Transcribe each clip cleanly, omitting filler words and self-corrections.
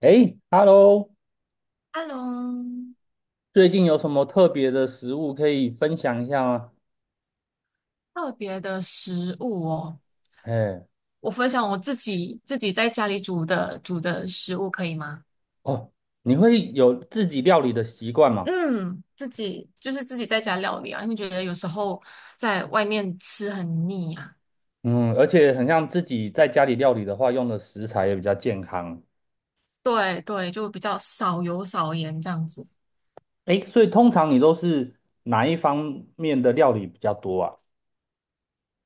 诶 hello Hello，最近有什么特别的食物可以分享一下吗？特别的食物哦，哎，我分享我自己在家里煮的食物可以吗？哦，你会有自己料理的习惯吗？嗯，自己就是自己在家料理啊，因为觉得有时候在外面吃很腻啊。嗯，而且很像自己在家里料理的话，用的食材也比较健康。对对，就比较少油少盐这样子。诶，所以通常你都是哪一方面的料理比较多啊？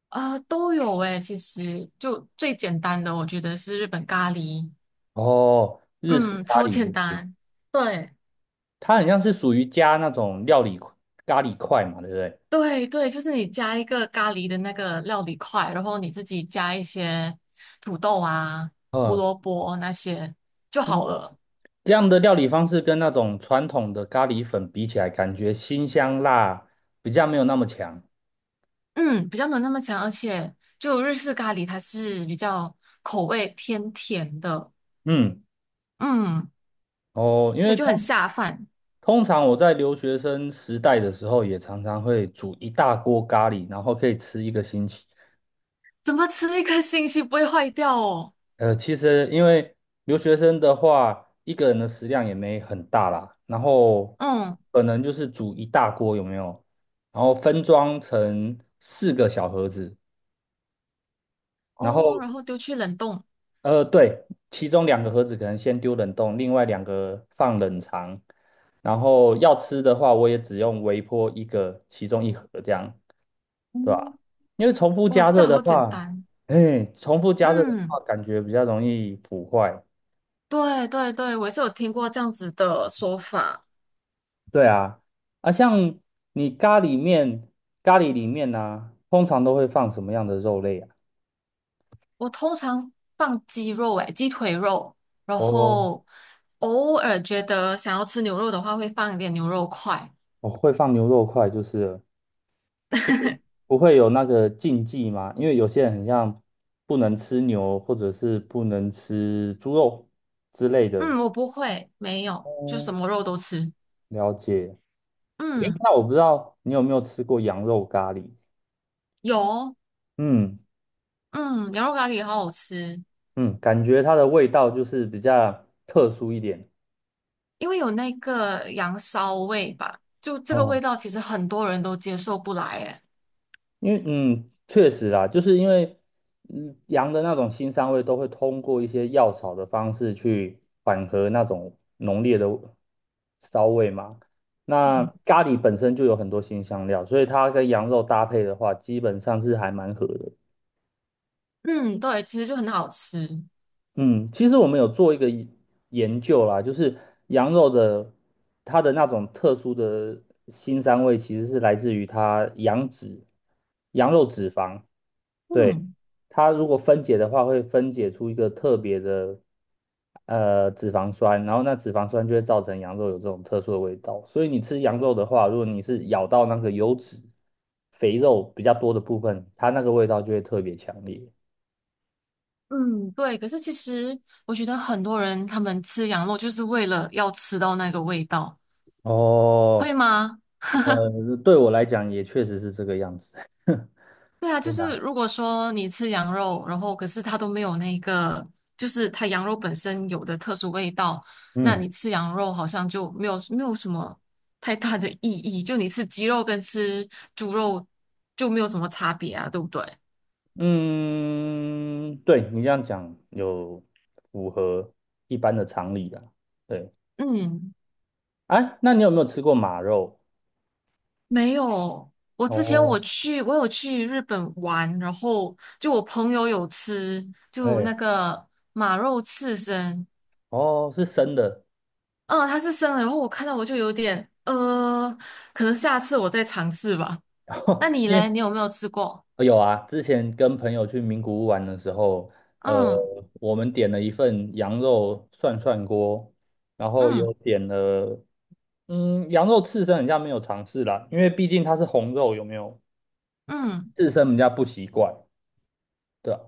啊，都有诶，其实就最简单的，我觉得是日本咖喱，哦，日式嗯，咖超喱简就是，单。对。它很像是属于加那种料理咖喱块嘛，对不对？对对，就是你加一个咖喱的那个料理块，然后你自己加一些土豆啊、胡嗯。萝卜那些就好了。这样的料理方式跟那种传统的咖喱粉比起来，感觉辛香辣比较没有那么强。嗯，比较没有那么强，而且就日式咖喱它是比较口味偏甜的，嗯，嗯，哦，因所以为就很通下饭。通常我在留学生时代的时候，也常常会煮一大锅咖喱，然后可以吃一个星期。怎么吃一个星期不会坏掉哦？其实因为留学生的话，一个人的食量也没很大啦，然后嗯，可能就是煮一大锅，有没有？然后分装成四个小盒子，然哦，后然后丢去冷冻。对，其中两个盒子可能先丢冷冻，另外两个放冷藏。然后要吃的话，我也只用微波一个，其中一盒这样，对嗯，吧？因为重复哇，加这热样的好简话，单。哎，重复加热的嗯，话，感觉比较容易腐坏。对对对，我也是有听过这样子的说法。对啊，啊，像你咖喱面，咖喱里面呢、通常都会放什么样的肉类啊？我通常放鸡肉，诶，鸡腿肉，然哦，后偶尔觉得想要吃牛肉的话，会放一点牛肉块。我会放牛肉块，就是了所以 不会有那个禁忌吗？因为有些人很像不能吃牛，或者是不能吃猪肉之类的。嗯，我不会，没有，就什哦，么肉都吃。了解。诶，嗯，那我不知道你有没有吃过羊肉咖喱？有哦嗯嗯，羊肉咖喱好好吃，嗯，感觉它的味道就是比较特殊一点。因为有那个羊骚味吧，就这个味哦道其实很多人都接受不来，诶。因为嗯，确实啦，就是因为羊的那种腥膻味都会通过一些药草的方式去缓和那种浓烈的骚味嘛。那嗯，咖喱本身就有很多辛香料，所以它跟羊肉搭配的话，基本上是还蛮合的。嗯对，其实就很好吃。嗯，其实我们有做一个研究啦，就是羊肉的它的那种特殊的腥膻味，其实是来自于它羊脂、羊肉脂肪。对，嗯它如果分解的话，会分解出一个特别的脂肪酸，然后那脂肪酸就会造成羊肉有这种特殊的味道。所以你吃羊肉的话，如果你是咬到那个油脂、肥肉比较多的部分，它那个味道就会特别强烈。嗯，对。可是其实我觉得很多人他们吃羊肉就是为了要吃到那个味道。会哦，吗？对我来讲也确实是这个样子。对啊，就是 如果说你吃羊肉，然后可是它都没有那个，就是它羊肉本身有的特殊味道，那嗯，你吃羊肉好像就没有什么太大的意义，就你吃鸡肉跟吃猪肉就没有什么差别啊，对不对？嗯，对，你这样讲有符合一般的常理啦。对，嗯，哎，那你有没有吃过马肉？没有。我之前哦，我去，我有去日本玩，然后就我朋友有吃，就那嘿，个马肉刺身，哦，是生的，嗯，它是生的，然后我看到我就有点，可能下次我再尝试吧。那 你因嘞，为你有没有吃过？有啊，之前跟朋友去名古屋玩的时候，呃，嗯我们点了一份羊肉涮涮锅，然后有嗯点了，嗯，羊肉刺身人家没有尝试啦，因为毕竟它是红肉，有没有？嗯，刺身人家不习惯，对啊，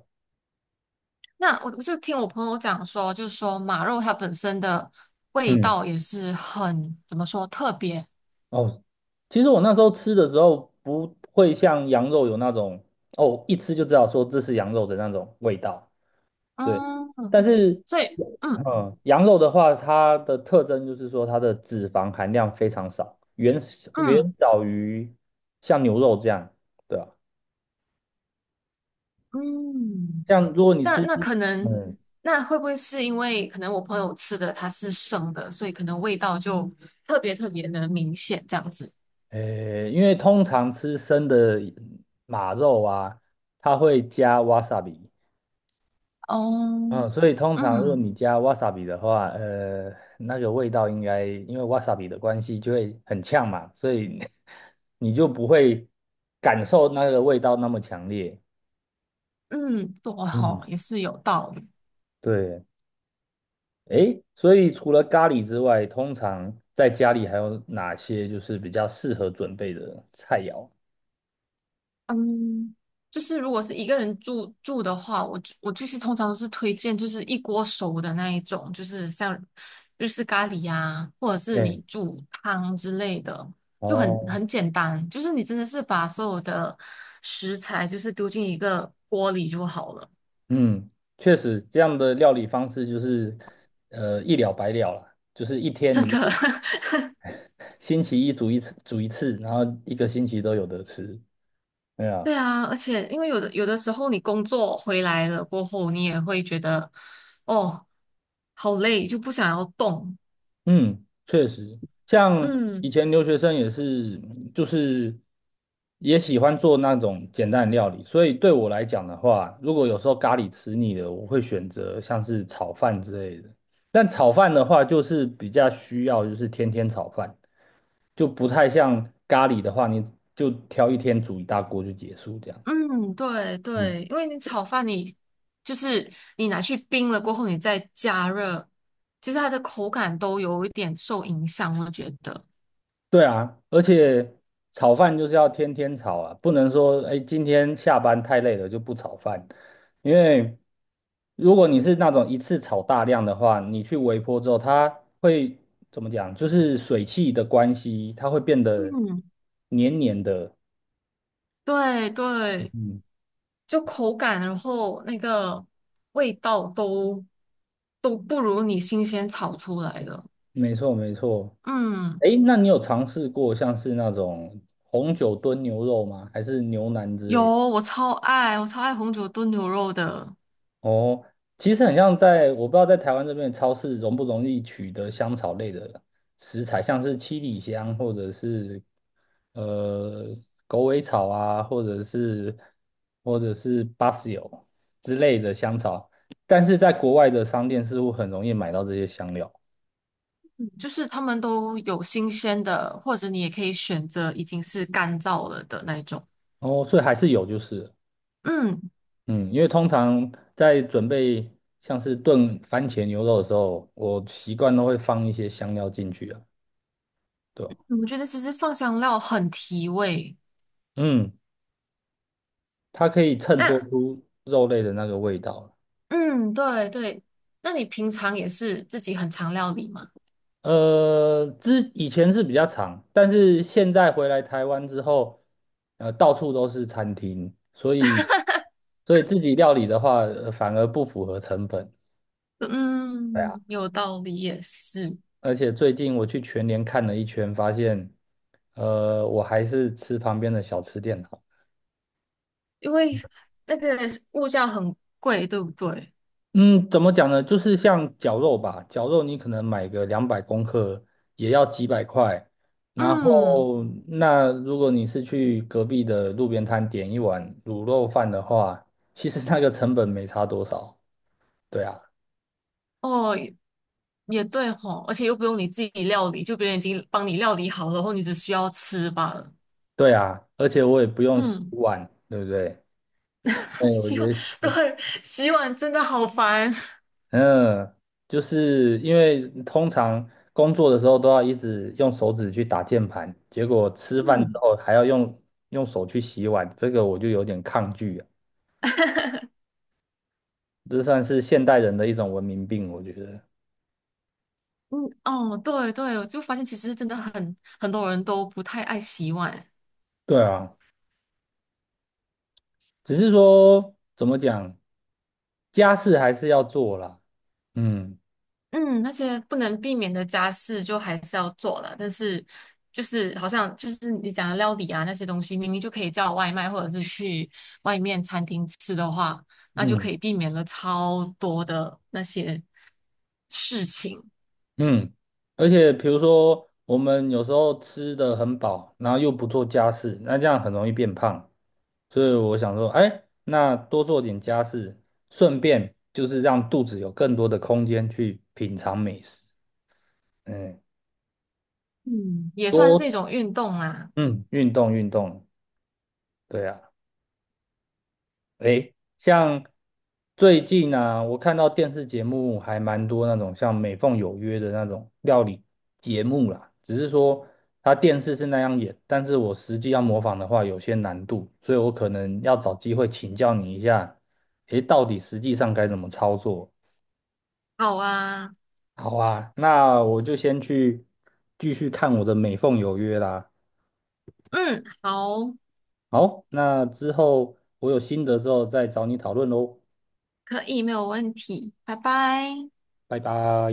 那我就听我朋友讲说，就是说马肉它本身的味嗯，道也是很，怎么说，特别。哦，其实我那时候吃的时候不会像羊肉有那种，哦，一吃就知道说这是羊肉的那种味道。对，但嗯，是，所以嗯嗯，羊肉的话，它的特征就是说它的脂肪含量非常少，远嗯远小于像牛肉这样，对吧？嗯，像如果你那吃，那可能，嗯，那会不会是因为可能我朋友吃的它是生的，所以可能味道就特别特别的明显这样子？诶，因为通常吃生的马肉啊，它会加 wasabi，嗯，哦，所以通常如果嗯。你加 wasabi 的话，那个味道应该因为 wasabi 的关系就会很呛嘛，所以 你就不会感受那个味道那么强烈。嗯，对吼，嗯，也是有道理。对，诶，所以除了咖喱之外，通常在家里还有哪些就是比较适合准备的菜肴？嗯，就是如果是一个人住的话，我是通常都是推荐就是一锅熟的那一种，就是像日式咖喱呀、或者是你诶。煮汤之类的，就很哦，很简单。就是你真的是把所有的食材就是丢进一个锅里就好了，嗯，确实这样的料理方式就是一了百了啦，就是一天真你的。就 星期一煮一次，煮一次，然后一个星期都有得吃。对啊，对啊，而且因为有的时候你工作回来了过后，你也会觉得哦，好累，就不想要动。嗯，确实，像以嗯前留学生也是，就是也喜欢做那种简单的料理，所以对我来讲的话，如果有时候咖喱吃腻了，我会选择像是炒饭之类的。但炒饭的话，就是比较需要就是天天炒饭，就不太像咖喱的话，你就挑一天煮一大锅就结束这样。嗯，对嗯对，因为你炒饭你就是你拿去冰了过后，你再加热，其实它的口感都有一点受影响，我觉得。对啊，而且炒饭就是要天天炒啊，不能说哎今天下班太累了就不炒饭，因为如果你是那种一次炒大量的话，你去微波之后，它会怎么讲？就是水汽的关系，它会变得嗯，黏黏的。对对，嗯，就口感，然后那个味道都不如你新鲜炒出来的。没错没错。嗯。哎，那你有尝试过像是那种红酒炖牛肉吗？还是牛腩之有，类的？我超爱，我超爱红酒炖牛肉的，哦，其实很像在，我不知道在台湾这边的超市容不容易取得香草类的食材，像是七里香或者是呃狗尾草啊，或者是巴西油之类的香草，但是在国外的商店似乎很容易买到这些香料。就是他们都有新鲜的，或者你也可以选择已经是干燥了的那一种。哦，所以还是有就是了嗯，嗯，因为通常在准备像是炖番茄牛肉的时候，我习惯都会放一些香料进去啊，对吧？我觉得其实放香料很提味。嗯。它可以衬托那，出肉类的那个味道。嗯，对对，那你平常也是自己很常料理吗？之以前是比较长，但是现在回来台湾之后，到处都是餐厅，所以自己料理的话，反而不符合成本。对啊，嗯，有道理，也是，而且最近我去全联看了一圈，发现，我还是吃旁边的小吃店好。因为那个物价很贵，对不对？嗯，怎么讲呢？就是像绞肉吧，绞肉你可能买个200公克也要几百块，嗯，后，那如果你是去隔壁的路边摊点一碗卤肉饭的话，其实那个成本没差多少。对啊，哦，也对吼，而且又不用你自己料理，就别人已经帮你料理好了，然后你只需要吃罢了。对啊，而且我也不用洗嗯，碗，对不对？对，我洗碗，觉得，对，洗碗真的好烦。嗯，就是因为通常工作的时候都要一直用手指去打键盘，结果吃饭之嗯后还要用手去洗碗，这个我就有点抗拒啊。这算是现代人的一种文明病，我觉得。嗯，哦，对对，我就发现其实真的很多人都不太爱洗碗。对啊。只是说怎么讲，家事还是要做啦。嗯嗯，那些不能避免的家事就还是要做了，但是就是好像就是你讲的料理啊那些东西，明明就可以叫外卖或者是去外面餐厅吃的话，那就可嗯以避免了超多的那些。事情，嗯，而且比如说我们有时候吃的很饱，然后又不做家事，那这样很容易变胖。所以我想说，哎，那多做点家事，顺便就是让肚子有更多的空间去品尝美食。嗯，嗯，也算是多一种运动啦。嗯运动运动，对啊。诶，像最近呢、我看到电视节目还蛮多那种像《美凤有约》的那种料理节目啦，只是说它电视是那样演，但是我实际要模仿的话有些难度，所以我可能要找机会请教你一下，诶，到底实际上该怎么操作？好啊，好啊，那我就先去继续看我的《美凤有约》啦。嗯，好，好，那之后我有心得之后再找你讨论喽，可以，没有问题，拜拜。拜拜。